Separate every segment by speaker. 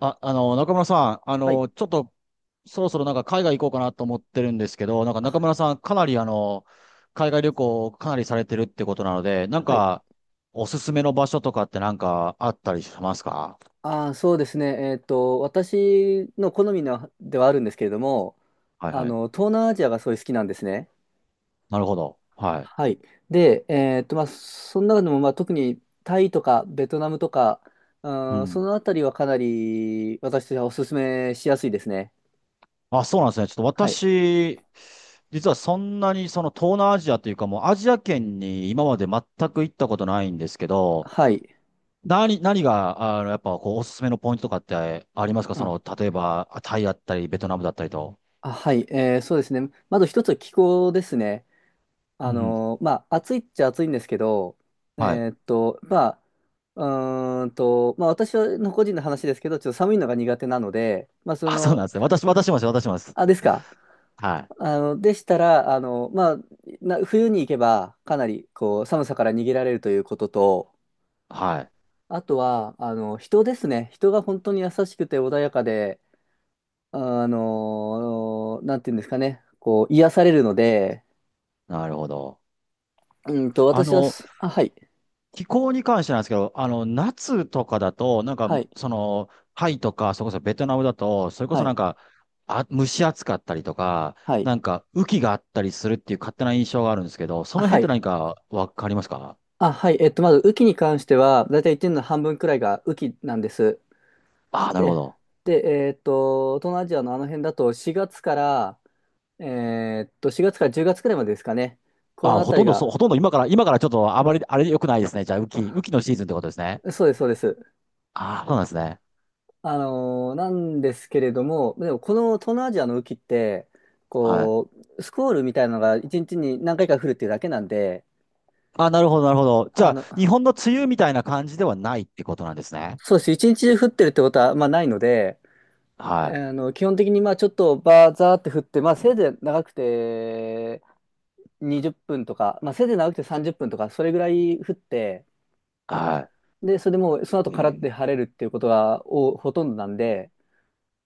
Speaker 1: あ、中村さん、
Speaker 2: はい。
Speaker 1: ちょっと、そろそろ海外行こうかなと思ってるんですけど、なんか中村
Speaker 2: あ
Speaker 1: さん、かなり海外旅行をかなりされてるってことなので、なん
Speaker 2: はい。
Speaker 1: か、おすすめの場所とかってあったりしますか？
Speaker 2: そうですね。私の好みのではあるんですけれども、
Speaker 1: はいはい。
Speaker 2: 東南アジアがすごい好きなんですね。
Speaker 1: なるほど。は
Speaker 2: は
Speaker 1: い。
Speaker 2: い。で、まあ、その中でも、まあ、特にタイとかベトナムとか、
Speaker 1: う
Speaker 2: そ
Speaker 1: ん。
Speaker 2: のあたりはかなり私としてはおすすめしやすいですね。
Speaker 1: あ、そうなんですね。ちょっと
Speaker 2: はい。
Speaker 1: 私、実はそんなにその東南アジアというかもうアジア圏に今まで全く行ったことないんですけど、
Speaker 2: はい。
Speaker 1: 何が、あの、やっぱ、こう、おすすめのポイントとかってありますか？そ
Speaker 2: あ、
Speaker 1: の、例えば、タイだったり、ベトナムだったりと。
Speaker 2: はい。そうですね。まず一つは気候ですね。
Speaker 1: うんうん。
Speaker 2: まあ、暑いっちゃ暑いんですけど、
Speaker 1: はい。
Speaker 2: えーっと、まあ、私の個人の話ですけど、ちょっと寒いのが苦手なので、まあ、そ
Speaker 1: あ、そうなん
Speaker 2: の、
Speaker 1: ですね。私もです、私もです。
Speaker 2: あ、ですか。
Speaker 1: はい。
Speaker 2: でしたら、まあ、冬に行けば、かなり、こう、寒さから逃げられるということと、
Speaker 1: はい。
Speaker 2: あとは、人ですね。人が本当に優しくて穏やかで、なんていうんですかね、こう、癒されるので、
Speaker 1: なるほど。
Speaker 2: うんと、
Speaker 1: あ
Speaker 2: 私は
Speaker 1: の、
Speaker 2: す、あ、はい、
Speaker 1: 気候に関してなんですけど、あの、夏とかだと、なんか、
Speaker 2: はい、
Speaker 1: その、タイとか、それこそベトナムだと、それこ
Speaker 2: は
Speaker 1: そな
Speaker 2: い、
Speaker 1: んか、あ、蒸し暑かったりとか、
Speaker 2: は
Speaker 1: な
Speaker 2: い。
Speaker 1: んか、雨季があったりするっていう勝手な印象があるんですけど、そ
Speaker 2: あ
Speaker 1: の辺
Speaker 2: は
Speaker 1: って
Speaker 2: い。
Speaker 1: 何かわかりますか？
Speaker 2: あ、はい。まず、雨季に関しては、だいたい1年の半分くらいが雨季なんです。
Speaker 1: ああー、なるほ
Speaker 2: で、
Speaker 1: ど。
Speaker 2: で、東南アジアのあの辺だと、4月から、4月から10月くらいまでですかね。このあたりが、
Speaker 1: ほとんど今からちょっとあまり、あれ良くないですね。じゃあ、雨季のシーズンってことですね。
Speaker 2: そうです、そうです。
Speaker 1: ああ、そうなんですね。
Speaker 2: なんですけれども、でも、この東南アジアの雨季って、
Speaker 1: はい。
Speaker 2: こう、スコールみたいなのが1日にちに何回か降るっていうだけなんで、
Speaker 1: あ、なるほど、なるほど。じゃ
Speaker 2: あ
Speaker 1: あ、
Speaker 2: の、
Speaker 1: 日本の梅雨みたいな感じではないってことなんですね。
Speaker 2: そうです。1日中降ってるってことは、まあ、ないので、
Speaker 1: は
Speaker 2: 基本的にまあちょっとバーザーって振って、まあせいぜい長くて20分とか、まあせいぜい長くて30分とか、それぐらい降って、
Speaker 1: い。は
Speaker 2: で、それでもうその後
Speaker 1: い。
Speaker 2: からって晴れるっていうことがおほとんどなんで、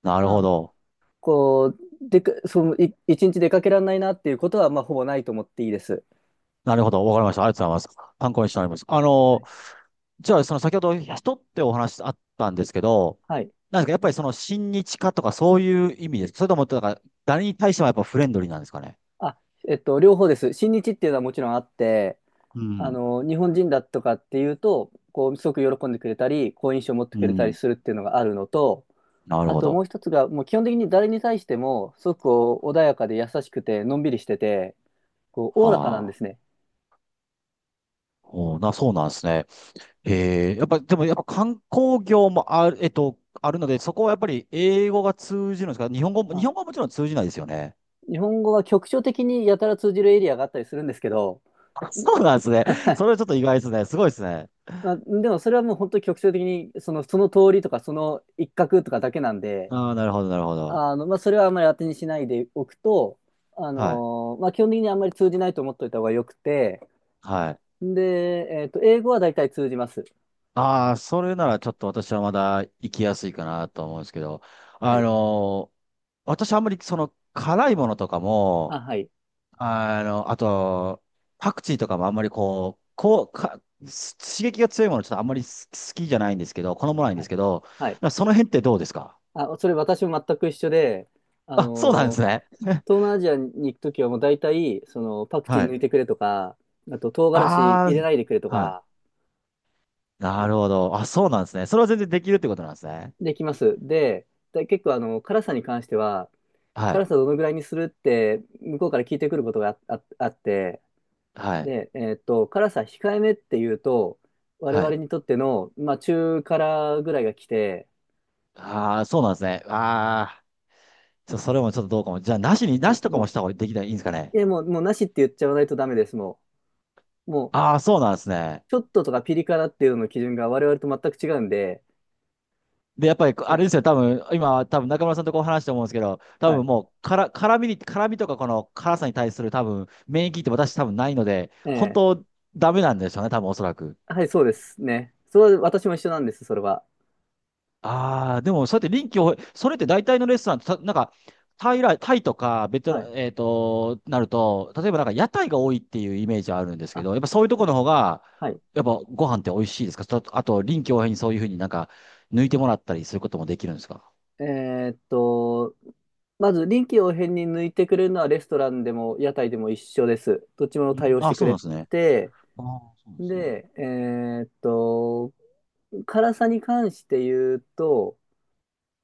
Speaker 1: なる
Speaker 2: ま
Speaker 1: ほ
Speaker 2: あ、
Speaker 1: ど。
Speaker 2: こう、でか、その、い、一日出かけられないなっていうことは、まあほぼないと思っていいです。
Speaker 1: なるほど。わかりました。ありがとうございます。参考にしております。あ
Speaker 2: は
Speaker 1: の、
Speaker 2: い。
Speaker 1: じゃあ、その先ほど人ってお話あったんですけど、
Speaker 2: はい。
Speaker 1: なんですか、やっぱりその親日家とかそういう意味ですか？それとも、なんか、誰に対してもやっぱフレンドリーなんですかね。
Speaker 2: あ、両方です。新日っていうのはもちろんあって、
Speaker 1: うん。
Speaker 2: 日本人だとかっていうと、こう、すごく喜んでくれたり、好印象を持って
Speaker 1: う
Speaker 2: くれたり
Speaker 1: ん。
Speaker 2: するっていうのがあるのと、
Speaker 1: なる
Speaker 2: あ
Speaker 1: ほ
Speaker 2: ともう
Speaker 1: ど。
Speaker 2: 一つが、もう基本的に誰に対しても、すごくこう穏やかで優しくて、のんびりしてて、こう、おおらかなん
Speaker 1: は
Speaker 2: です
Speaker 1: あ。
Speaker 2: ね。
Speaker 1: おーな、そうなんですね。ええ、やっぱ観光業もある、えっと、あるので、そこはやっぱり英語が通じるんですか？日本語も、日
Speaker 2: あ、
Speaker 1: 本語はもちろん通じないですよね。
Speaker 2: 日本語は局所的にやたら通じるエリアがあったりするんですけど、
Speaker 1: あ、そうなんですね。
Speaker 2: はい。
Speaker 1: それはちょっと意外ですね。すごいですね。
Speaker 2: まあ、でもそれはもう本当に局所的に、その、その通りとか、その一角とかだけなんで、
Speaker 1: ああ、なるほど、なるほど。
Speaker 2: まあ、それはあんまり当てにしないでおくと、
Speaker 1: はい。
Speaker 2: まあ、基本的にあんまり通じないと思っておいた方がよくて、
Speaker 1: はい。
Speaker 2: で、英語は大体通じます。
Speaker 1: ああ、それならちょっと私はまだ行きやすいかなと思うんですけど、
Speaker 2: は
Speaker 1: あ
Speaker 2: い。
Speaker 1: のー私あんまりその辛いものとかも、
Speaker 2: あ、はい。
Speaker 1: あの、あと、パクチーとかもあんまり刺激が強いものちょっとあんまり好きじゃないんですけど、好まないん
Speaker 2: は
Speaker 1: です
Speaker 2: い。
Speaker 1: けど、
Speaker 2: はい。
Speaker 1: その辺ってどうですか？
Speaker 2: あ、それ私も全く一緒で、あ
Speaker 1: あ、そうなんです
Speaker 2: のー
Speaker 1: ね。
Speaker 2: 東南アジアに行くときはもう大体、その、パクチー
Speaker 1: は
Speaker 2: 抜
Speaker 1: い。
Speaker 2: いてくれとか、あと唐辛子入
Speaker 1: あ
Speaker 2: れないでくれと
Speaker 1: あ、はい。
Speaker 2: か、
Speaker 1: なるほど。あ、そうなんですね。それは全然できるってことなんですね。
Speaker 2: できます。で、で結構辛さに関しては、
Speaker 1: は
Speaker 2: 辛
Speaker 1: い。
Speaker 2: さどのぐらいにするって、向こうから聞いてくることがあって、
Speaker 1: はい。
Speaker 2: で、辛さ控えめっていうと、我
Speaker 1: は
Speaker 2: 々
Speaker 1: い。
Speaker 2: にとっての、まあ、中辛ぐらいが来て、
Speaker 1: ああ、そうなんですね。ああ、ちょ、それもちょっとどうかも。じゃあ、
Speaker 2: は
Speaker 1: なし
Speaker 2: い、
Speaker 1: とかも
Speaker 2: も
Speaker 1: した方ができない、いいんですか
Speaker 2: う、
Speaker 1: ね。
Speaker 2: いや、もう、もうなしって言っちゃわないとダメです、もう。もう、
Speaker 1: ああ、そうなんですね。
Speaker 2: ちょっととかピリ辛っていうのの基準が我々と全く違うんで、
Speaker 1: で、やっぱり、あれですよ、
Speaker 2: あ
Speaker 1: 多分今、中村さんとこう話して思うんですけど、多
Speaker 2: は
Speaker 1: 分
Speaker 2: い、
Speaker 1: もう、から、辛みに、辛みとかこの辛さに対する多分、免疫って私多分ないので、本
Speaker 2: ええ
Speaker 1: 当、ダメなんでしょうね、多分おそらく。
Speaker 2: はい、そうですね。それは私も一緒なんです、それは。
Speaker 1: ああ、でも、そうやって臨機応変、それって大体のレストラン、なんか、タイとか、ベト
Speaker 2: は
Speaker 1: ナ、
Speaker 2: い。
Speaker 1: えっと、なると、例えばなんか屋台が多いっていうイメージはあるんですけ
Speaker 2: あ、
Speaker 1: ど、やっぱそういうと
Speaker 2: は
Speaker 1: こ
Speaker 2: い。
Speaker 1: ろの方が、
Speaker 2: はい。
Speaker 1: やっぱご飯って美味しいですか？とあと、臨機応変にそういうふうになんか、抜いてもらったりすることもできるんですか？
Speaker 2: えーっと、まず臨機応変に抜いてくれるのはレストランでも屋台でも一緒です。どっちも
Speaker 1: う
Speaker 2: 対
Speaker 1: ん、
Speaker 2: 応して
Speaker 1: あ、
Speaker 2: く
Speaker 1: そうなん
Speaker 2: れ
Speaker 1: ですね。
Speaker 2: て、
Speaker 1: ああ、そうですね。
Speaker 2: で、ーっと、辛さに関して言うと、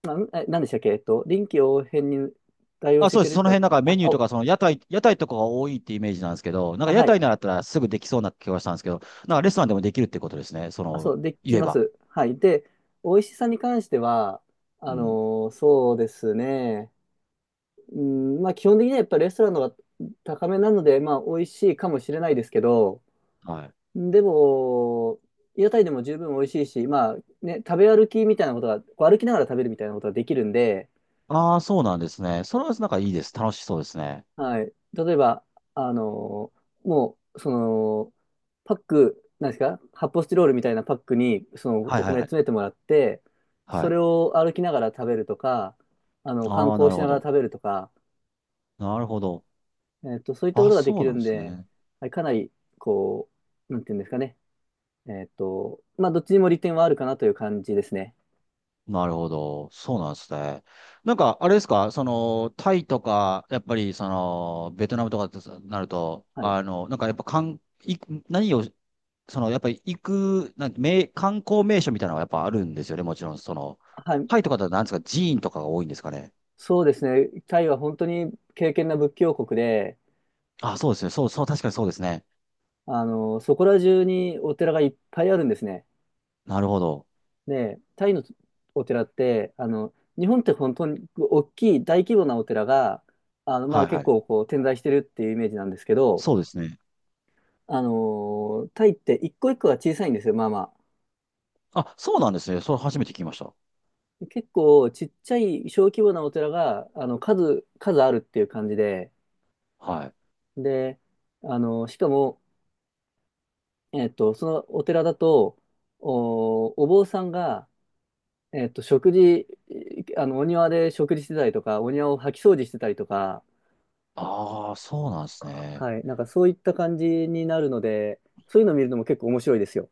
Speaker 2: あ、んえ、何でしたっけ、臨機応変に対応
Speaker 1: あ、
Speaker 2: して
Speaker 1: そう
Speaker 2: く
Speaker 1: です。
Speaker 2: れる
Speaker 1: その
Speaker 2: か、
Speaker 1: 辺、なんかメ
Speaker 2: あ、
Speaker 1: ニューと
Speaker 2: お、
Speaker 1: か、屋台とかが多いってイメージなんですけど、なん
Speaker 2: あ、
Speaker 1: か屋
Speaker 2: は
Speaker 1: 台
Speaker 2: い。
Speaker 1: ならだったらすぐできそうな気がしたんですけど、なんかレストランでもできるってことですね。そ
Speaker 2: あ、
Speaker 1: の、
Speaker 2: そう、でき
Speaker 1: 言え
Speaker 2: ま
Speaker 1: ば。
Speaker 2: す。はい。で、美味しさに関しては、
Speaker 1: う
Speaker 2: あの
Speaker 1: ん。
Speaker 2: そうですね。うん、まあ、基本的にはやっぱりレストランの方が高めなので、まあ、美味しいかもしれないですけど、
Speaker 1: はい。
Speaker 2: でも、屋台でも十分美味しいし、まあ、ね、食べ歩きみたいなことが、こう歩きながら食べるみたいなことができるんで、
Speaker 1: ああ、そうなんですね。それはなんかいいです。楽しそうですね。
Speaker 2: はい。例えば、あのもう、その、パック、なんですか、発泡スチロールみたいなパックに、その、
Speaker 1: はい
Speaker 2: お
Speaker 1: はい
Speaker 2: 米
Speaker 1: はい。
Speaker 2: 詰めてもらって、
Speaker 1: は
Speaker 2: それ
Speaker 1: い。
Speaker 2: を歩きながら食べるとか、観
Speaker 1: ああ、
Speaker 2: 光
Speaker 1: なる
Speaker 2: しな
Speaker 1: ほ
Speaker 2: がら
Speaker 1: ど。
Speaker 2: 食べるとか、
Speaker 1: なるほど。
Speaker 2: そういったこ
Speaker 1: あ、
Speaker 2: とができ
Speaker 1: そうな
Speaker 2: る
Speaker 1: ん
Speaker 2: ん
Speaker 1: です
Speaker 2: で、
Speaker 1: ね。
Speaker 2: はい、かなり、こう、なんていうんですかね。まあ、どっちにも利点はあるかなという感じですね。
Speaker 1: なるほど。そうなんですね。なんか、あれですか、その、タイとか、やっぱり、その、ベトナムとかってなると、
Speaker 2: はい。
Speaker 1: あの、なんかやっぱ、かん、い、何をその、やっぱり行く、なんて、名、観光名所みたいなのはやっぱあるんですよね、もちろん。その、
Speaker 2: はい。
Speaker 1: タイとかだと何ですか、寺院とかが多いんですかね。
Speaker 2: そうですね。タイは本当に敬虔な仏教国で、
Speaker 1: あ、そうですね。そう、確かにそうですね。
Speaker 2: そこら中にお寺がいっぱいあるんですね。
Speaker 1: なるほど。
Speaker 2: で、タイのお寺って、日本って本当に大きい大規模なお寺が、まあ
Speaker 1: はいは
Speaker 2: 結
Speaker 1: い。
Speaker 2: 構こう点在してるっていうイメージなんですけど、
Speaker 1: そうですね。
Speaker 2: タイって一個一個が小さいんですよ、まあま
Speaker 1: あ、そうなんですね。それ初めて聞きました。
Speaker 2: あ。結構ちっちゃい小規模なお寺が、数あるっていう感じで、
Speaker 1: はい。
Speaker 2: で、しかも、そのお寺だと、お坊さんが、食事、お庭で食事してたりとか、お庭を掃き掃除してたりとか、
Speaker 1: ああ、そうなんですね。
Speaker 2: はい。なんかそういった感じになるので、そういうのを見るのも結構面白いですよ。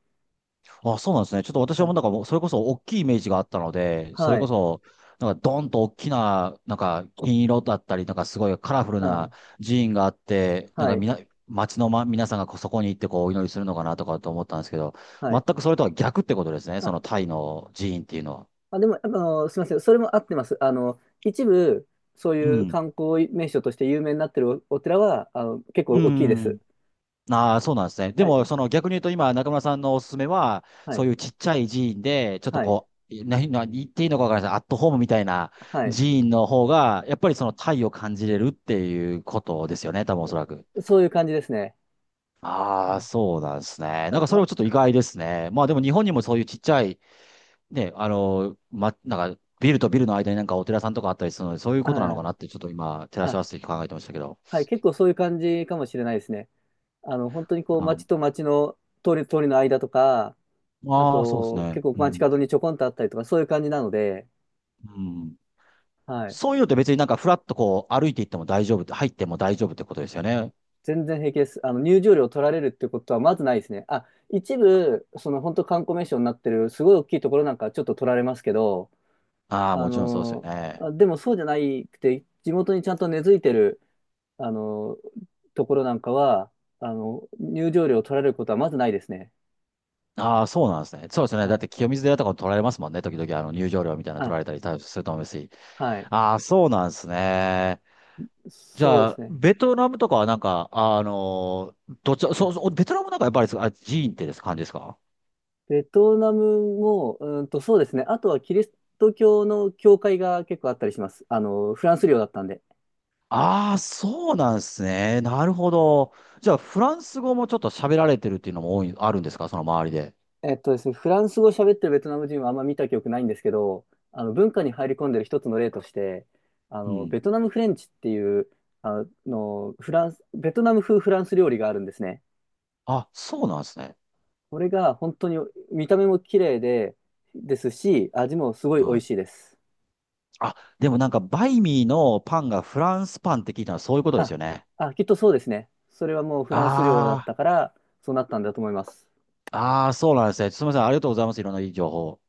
Speaker 1: あ、そうなんですね。ちょっと私
Speaker 2: は
Speaker 1: はもう
Speaker 2: い。
Speaker 1: なんかもう、それこそ大きいイメージがあったので、それ
Speaker 2: は
Speaker 1: こ
Speaker 2: い。
Speaker 1: そ、なんかドンと大きな、なんか金色だったり、なんかすごいカラフル
Speaker 2: あ、
Speaker 1: な寺院があって、なん
Speaker 2: は
Speaker 1: かみ
Speaker 2: い。
Speaker 1: な、町の、ま、皆さんがこうそこに行ってこうお祈りするのかなとかと思ったんですけど、
Speaker 2: は
Speaker 1: 全
Speaker 2: い。
Speaker 1: くそれとは逆ってことですね。そ
Speaker 2: あ、
Speaker 1: のタイの寺院っていうのは。
Speaker 2: でも、すみません。それも合ってます。一部、そう
Speaker 1: う
Speaker 2: いう
Speaker 1: ん。
Speaker 2: 観光名所として有名になってるお寺は、結構
Speaker 1: う
Speaker 2: 大きいです。
Speaker 1: ん。ああ、そうなんですね。で
Speaker 2: は
Speaker 1: も、
Speaker 2: い。
Speaker 1: その逆に言うと、今、中村さんのおすすめは、
Speaker 2: は
Speaker 1: そ
Speaker 2: い。
Speaker 1: ういうちっちゃい寺院で、ちょっと
Speaker 2: はい。
Speaker 1: こう、何言っていいのかわからないです。アットホームみたいな
Speaker 2: は
Speaker 1: 寺
Speaker 2: い。
Speaker 1: 院の方が、やっぱりその体を感じれるっていうことですよね、多分おそらく。
Speaker 2: そういう感じですね。
Speaker 1: ああ、
Speaker 2: あ、
Speaker 1: そうなんですね。なんか
Speaker 2: わ
Speaker 1: それもちょっと意外ですね。まあでも日本にもそういうちっちゃい、ね、あの、ま、なんかビルとビルの間になんかお寺さんとかあったりするので、そういうことなの
Speaker 2: あ、
Speaker 1: かなってちょっと今、照らし
Speaker 2: あ、
Speaker 1: 合わせて考えてましたけど。
Speaker 2: はい。結構そういう感じかもしれないですね。本当にこう、
Speaker 1: う
Speaker 2: 町
Speaker 1: ん、
Speaker 2: と町の通りの間とか、あ
Speaker 1: ああ、そうです
Speaker 2: と、
Speaker 1: ね。
Speaker 2: 結構
Speaker 1: う
Speaker 2: 街
Speaker 1: ん。
Speaker 2: 角にちょこんとあったりとか、そういう感じなので、
Speaker 1: うん。
Speaker 2: はい。
Speaker 1: そういうのって別になんかフラッとこう歩いていっても大丈夫って、入っても大丈夫ってことですよね。
Speaker 2: 全然平気です。入場料取られるってことはまずないですね。あ、一部、その本当観光名所になってる、すごい大きいところなんかはちょっと取られますけど、
Speaker 1: ああ、
Speaker 2: あ
Speaker 1: もちろんそうですよ
Speaker 2: の、
Speaker 1: ね。
Speaker 2: あ、でもそうじゃないくて、地元にちゃんと根付いてる、あの、ところなんかは、入場料取られることはまずないですね。
Speaker 1: ああ、そうなんですね。そうですよね。
Speaker 2: は
Speaker 1: だっ
Speaker 2: い。
Speaker 1: て清水寺とかも取られますもんね。時々あの入場料みたいなの取
Speaker 2: あ、
Speaker 1: られたりすると思うし。
Speaker 2: はい。
Speaker 1: ああ、そうなんですね。じ
Speaker 2: そ
Speaker 1: ゃ
Speaker 2: うです
Speaker 1: あ、
Speaker 2: ね。
Speaker 1: ベトナムとかはなんか、あのーどっち、
Speaker 2: は
Speaker 1: そ
Speaker 2: い。
Speaker 1: う、そう、ベトナムなんかやっぱりあ、寺院ってです感じですか？
Speaker 2: ベトナムも、そうですね。あとはキリスト教の教会が結構あったりします。フランス領だったんで。
Speaker 1: ああー、そうなんですね。なるほど。じゃあ、フランス語もちょっと喋られてるっていうのもあるんですか？その周りで。
Speaker 2: えっとですね、フランス語喋ってるベトナム人はあんま見た記憶ないんですけど、文化に入り込んでる一つの例として、
Speaker 1: うん。
Speaker 2: ベトナムフレンチっていう、フランス、ベトナム風フランス料理があるんですね。
Speaker 1: あ、そうなんですね。
Speaker 2: これが本当に見た目も綺麗で、ですし、味もすごい美
Speaker 1: は
Speaker 2: 味
Speaker 1: い。
Speaker 2: しいです。
Speaker 1: あ、でもなんか、バイミーのパンがフランスパンって聞いたのはそういうことです
Speaker 2: あ、
Speaker 1: よね。
Speaker 2: きっとそうですね。それはもうフランス領だっ
Speaker 1: あ
Speaker 2: たから、そうなったんだと思います。
Speaker 1: あ、ああ、そうなんですね。すみません。ありがとうございます。いろんないい情報。